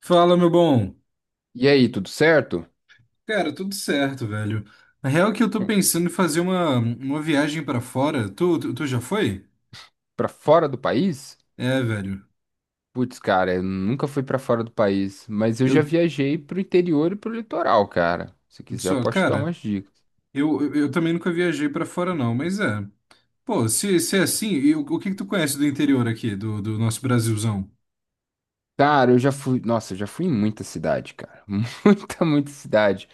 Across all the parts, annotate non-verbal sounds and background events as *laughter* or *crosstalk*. Fala, meu bom. E aí, tudo certo? Cara, tudo certo, velho. Na real é que eu tô pensando em fazer uma viagem pra fora. Tu já foi? Pra fora do país? É, velho. Putz, cara, eu nunca fui pra fora do país, mas eu já Eu viajei pro interior e pro litoral, cara. Se quiser, eu só, posso te dar cara, umas dicas. eu também nunca viajei pra fora não, mas é. Pô, se é assim, e o que que tu conhece do interior aqui, do nosso Brasilzão? Cara, eu já fui. Nossa, eu já fui em muita cidade, cara. *laughs* Muita, muita cidade.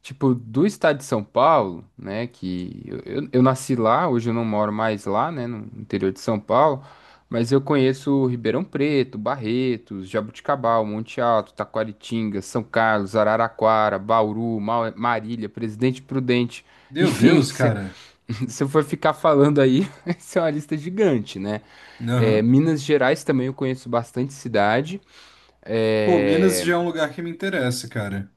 Tipo, do estado de São Paulo, né? Que eu nasci lá, hoje eu não moro mais lá, né? No interior de São Paulo. Mas eu conheço Ribeirão Preto, Barretos, Jabuticabal, Monte Alto, Taquaritinga, São Carlos, Araraquara, Bauru, Marília, Presidente Prudente. Meu Enfim, Deus, *laughs* se, cara. se eu for ficar falando aí, *laughs* isso é uma lista gigante, né? É, Aham. Minas Gerais também eu conheço bastante cidade. Pô, Minas É... já é um lugar que me interessa, cara.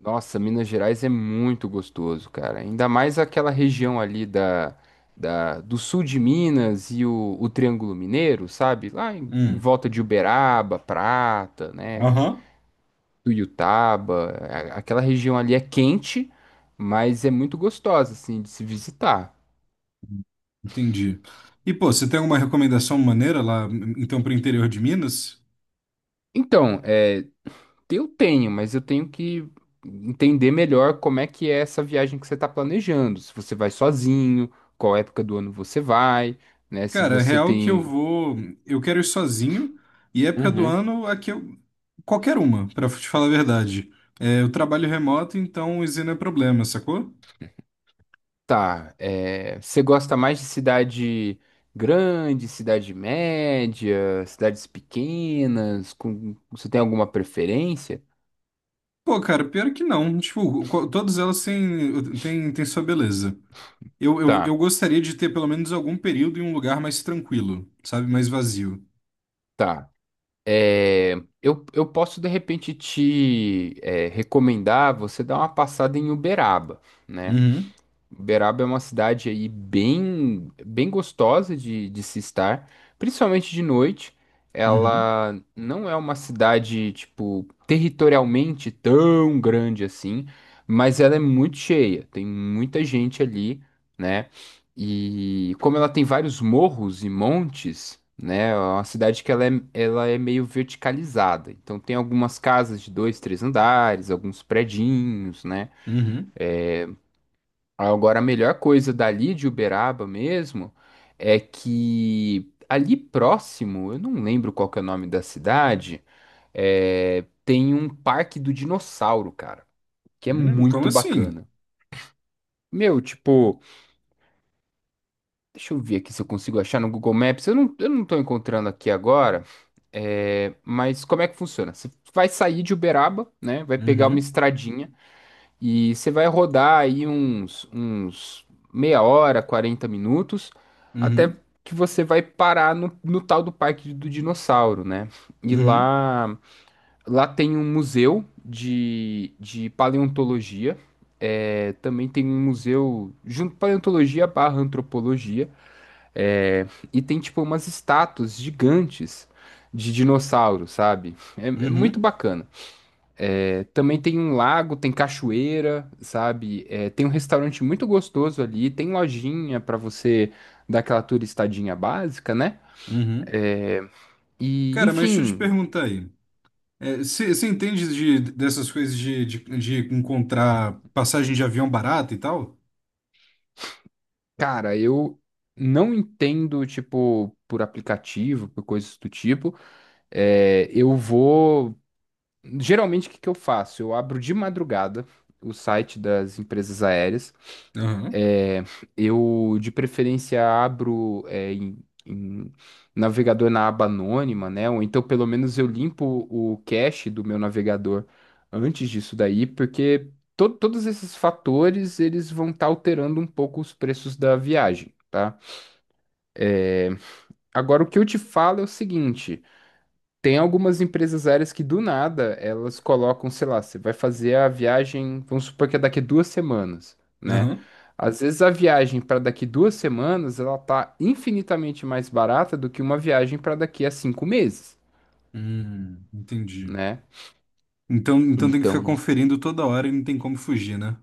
Nossa, Minas Gerais é muito gostoso, cara. Ainda mais aquela região ali do sul de Minas e o Triângulo Mineiro, sabe? Lá em Hum. volta de Uberaba, Prata, né? Aham. Tuiutaba. Aquela região ali é quente, mas é muito gostosa, assim, de se visitar. Entendi. E, pô, você tem alguma recomendação maneira lá, então, pro interior de Minas? Então, é. Eu tenho, mas eu tenho que entender melhor como é que é essa viagem que você está planejando. Se você vai sozinho, qual época do ano você vai, né? Se Cara, você real é que eu tem. vou. Eu quero ir sozinho. E época do Uhum. ano, aqui eu. Qualquer uma, pra te falar a verdade. É, eu trabalho remoto, então isso não é problema, sacou? Tá, é, você gosta mais de cidade grande, cidade média, cidades pequenas? Você tem alguma preferência? Pô, cara, pior que não. Tipo, co- todas elas têm, têm sua beleza. Eu Tá, gostaria de ter pelo menos algum período em um lugar mais tranquilo, sabe? Mais vazio. tá. É, eu posso de repente te recomendar você dar uma passada em Uberaba, né? Uhum, Uberaba é uma cidade aí bem, bem gostosa de se estar, principalmente de noite. uhum, Ela não é uma cidade, tipo, territorialmente tão grande assim, mas ela é muito cheia, tem muita gente ali, né? E como ela tem vários morros e montes, né? É uma cidade que ela é meio verticalizada. Então tem algumas casas de dois, três andares, alguns predinhos, né? uhum. Agora, a melhor coisa dali de Uberaba mesmo é que ali próximo, eu não lembro qual que é o nome da cidade, tem um parque do dinossauro, cara, que é Como muito assim? bacana. Meu, tipo, deixa eu ver aqui se eu consigo achar no Google Maps. Eu não tô encontrando aqui agora, mas como é que funciona? Você vai sair de Uberaba, né? Vai pegar uma Uhum, estradinha. E você vai rodar aí uns meia hora, 40 minutos, até uhum, que você vai parar no tal do Parque do Dinossauro, né? E uhum, lá tem um museu de paleontologia. Também tem um museu junto paleontologia barra antropologia. é, e tem tipo umas estátuas gigantes de dinossauros, sabe? É muito uhum, bacana. É, também tem um lago, tem cachoeira, sabe? É, tem um restaurante muito gostoso ali, tem lojinha para você dar aquela turistadinha básica, né? uhum. É, e, Cara, mas deixa eu te enfim, perguntar aí. É, Você entende de, dessas coisas de, de encontrar passagem de avião barata e tal? cara, eu não entendo, tipo, por aplicativo, por coisas do tipo. É, eu vou. Geralmente, o que que eu faço? Eu abro de madrugada o site das empresas aéreas. Aham, É, eu, de preferência, abro em, navegador na aba anônima, né? Ou então, pelo menos, eu limpo o cache do meu navegador antes disso daí, porque todos esses fatores, eles vão estar alterando um pouco os preços da viagem, tá? Eh, Agora, o que eu te falo é o seguinte. Tem algumas empresas aéreas que do nada elas colocam, sei lá, você vai fazer a viagem, vamos supor que é daqui 2 semanas, né? aham. Às vezes a viagem para daqui 2 semanas ela tá infinitamente mais barata do que uma viagem para daqui a 5 meses, Entendi. né? Então, então tem que ficar Então, conferindo toda hora e não tem como fugir, né?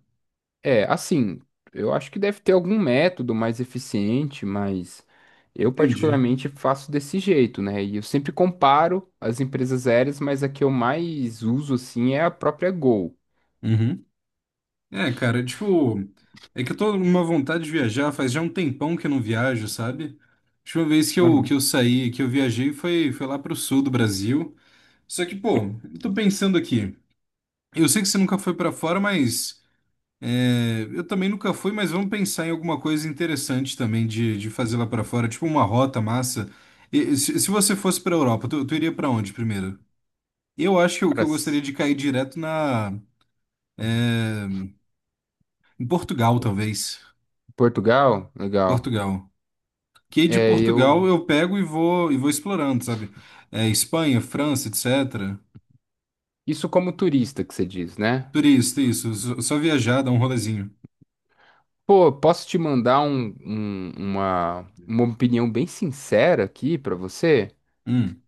é assim, eu acho que deve ter algum método mais eficiente, mas eu Entendi. particularmente faço desse jeito, né? E eu sempre comparo as empresas aéreas, mas a que eu mais uso assim é a própria Gol. Uhum. É, cara, tipo, é que eu tô numa vontade de viajar, faz já um tempão que eu não viajo, sabe? A última vez que eu saí, que eu viajei foi, foi lá pro sul do Brasil. Só que, pô, eu tô pensando aqui. Eu sei que você nunca foi pra fora, mas. É, eu também nunca fui, mas vamos pensar em alguma coisa interessante também de fazer lá pra fora, tipo uma rota massa. E- se você fosse pra Europa, tu iria pra onde primeiro? Eu acho que Cara, eu gostaria de cair direto na em Portugal, talvez. Portugal? Legal. Portugal. Que de É, Portugal eu. eu pego e vou explorando, sabe? É, Espanha, França, etc. Isso como turista que você diz, né? Turista, isso. Só, só viajar, dar um rolezinho. Pô, posso te mandar uma opinião bem sincera aqui pra você? Hum,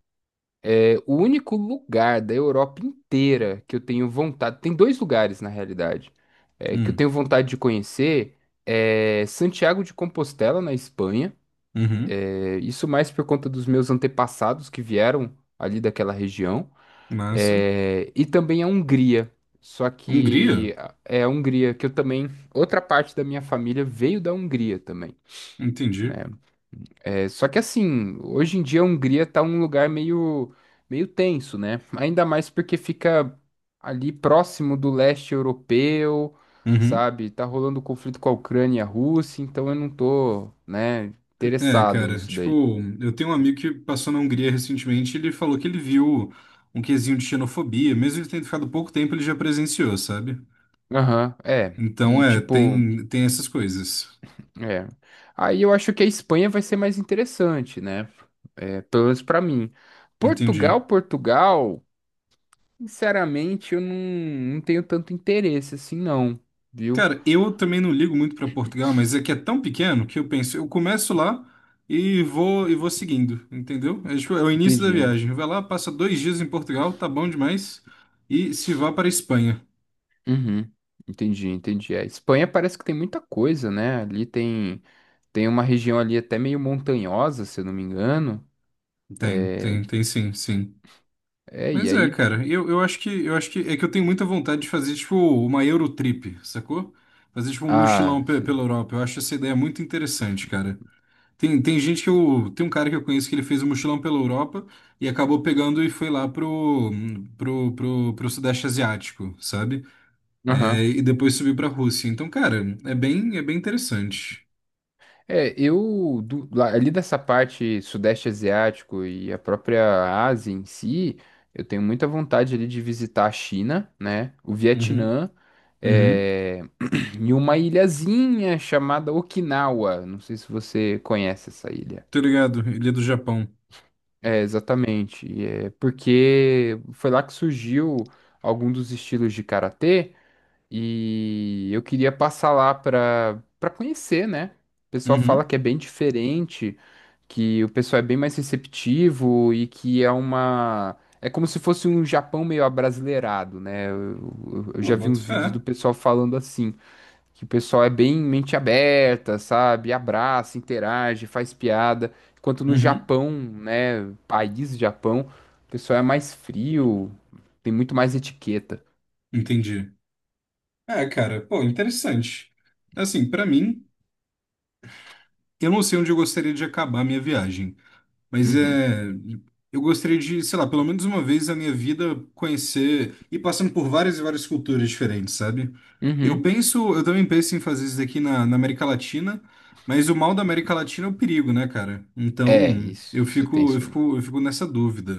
É, o único lugar da Europa inteira que eu tenho vontade. Tem dois lugares, na realidade, que eu hum, tenho vontade de conhecer. É Santiago de Compostela, na Espanha. uhum, É, isso mais por conta dos meus antepassados que vieram ali daquela região. massa. É, e também a Hungria. Só Hungria? que é a Hungria que eu também. Outra parte da minha família veio da Hungria também. Entendi. É, só que assim, hoje em dia a Hungria tá um lugar meio, tenso, né? Ainda mais porque fica ali próximo do leste europeu, Uhum. sabe? Tá rolando conflito com a Ucrânia e a Rússia, então eu não tô, né, É, interessado cara, nisso tipo, daí. eu tenho um amigo que passou na Hungria recentemente e ele falou que ele viu um quesinho de xenofobia, mesmo ele tendo ficado pouco tempo, ele já presenciou, sabe? Aham, é. Então, E é, tipo. tem, tem essas coisas. É. Aí eu acho que a Espanha vai ser mais interessante, né? É, pelo menos pra mim. Entendi. Portugal, Portugal, sinceramente, eu não tenho tanto interesse assim, não, viu? Cara, eu também não ligo muito pra Portugal, mas é que é tão pequeno que eu penso, eu começo lá e vou seguindo, entendeu? É, tipo, é o início da Entendi. viagem. Vai lá, passa 2 dias em Portugal, tá bom demais, e se vá para a Espanha. Uhum. Entendi, entendi. A Espanha parece que tem muita coisa, né? Ali tem uma região ali até meio montanhosa, se eu não me engano. Tem, É, tem sim, sim. é e Mas é, aí. cara, eu, eu acho que é que eu tenho muita vontade de fazer tipo uma Eurotrip, sacou? Fazer tipo um Ah, mochilão pe- pela sim. Europa. Eu acho essa ideia muito interessante, cara. Tem, tem gente que eu tem um cara que eu conheço que ele fez um mochilão pela Europa e acabou pegando e foi lá pro pro Sudeste Asiático, sabe? É, e depois subiu pra Rússia. Então, cara, é bem interessante. Ali dessa parte sudeste asiático e a própria Ásia em si, eu tenho muita vontade ali de visitar a China, né? O Uhum. Vietnã, Uhum. é, *clears throat* e uma ilhazinha chamada Okinawa. Não sei se você conhece essa ilha. Tô ligado, ele é do Japão. É, exatamente. É porque foi lá que surgiu algum dos estilos de karatê. E eu queria passar lá para conhecer, né? O pessoal fala Uhum. que é bem diferente, que o pessoal é bem mais receptivo e que é uma é como se fosse um Japão meio abrasileirado, né? Eu Pô, já vi boto uns vídeos fé. do pessoal falando assim, que o pessoal é bem mente aberta, sabe? Abraça, interage, faz piada, enquanto no Uhum. Japão, né, país Japão, o pessoal é mais frio, tem muito mais etiqueta. Entendi. É, cara, pô, interessante. Assim, pra mim, eu não sei onde eu gostaria de acabar a minha viagem, mas Uhum. é, eu gostaria de, sei lá, pelo menos uma vez na minha vida conhecer e passando por várias e várias culturas diferentes, sabe? Eu Uhum. penso, eu também penso em fazer isso daqui na, na América Latina, mas o mal da América Latina é o perigo, né, cara? É, Então, isso, eu isso é fico, eu tenso mesmo. fico, eu fico nessa dúvida.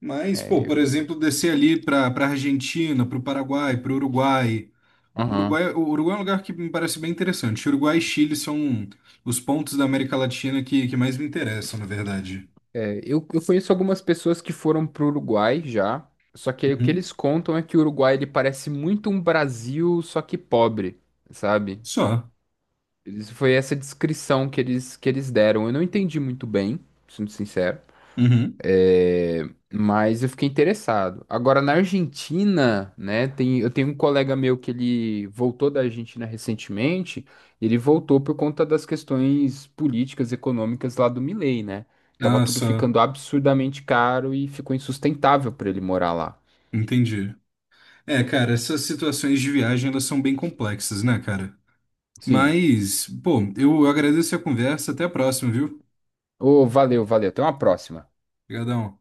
Mas, É, pô, por exemplo, descer ali para Argentina, para o Paraguai, para o Uruguai. Aham. Uruguai, o Uruguai é um lugar que me parece bem interessante. Uruguai e Chile são os pontos da América Latina que mais me interessam, na verdade. É, eu conheço algumas pessoas que foram pro Uruguai já, só que aí o que Uhum. eles contam é que o Uruguai ele parece muito um Brasil, só que pobre, sabe? Só. Foi essa descrição que eles deram. Eu não entendi muito bem, sendo sincero. Uhum. É, mas eu fiquei interessado. Agora, na Argentina, né, eu tenho um colega meu que ele voltou da Argentina recentemente, ele voltou por conta das questões políticas, econômicas lá do Milei, né? Tava Ah, tudo só. ficando absurdamente caro e ficou insustentável para ele morar lá. Entendi. É, cara, essas situações de viagem, elas são bem complexas, né, cara? Sim. Mas, pô, eu agradeço a conversa. Até a próxima, viu? Ô, valeu, valeu. Até uma próxima. Obrigadão.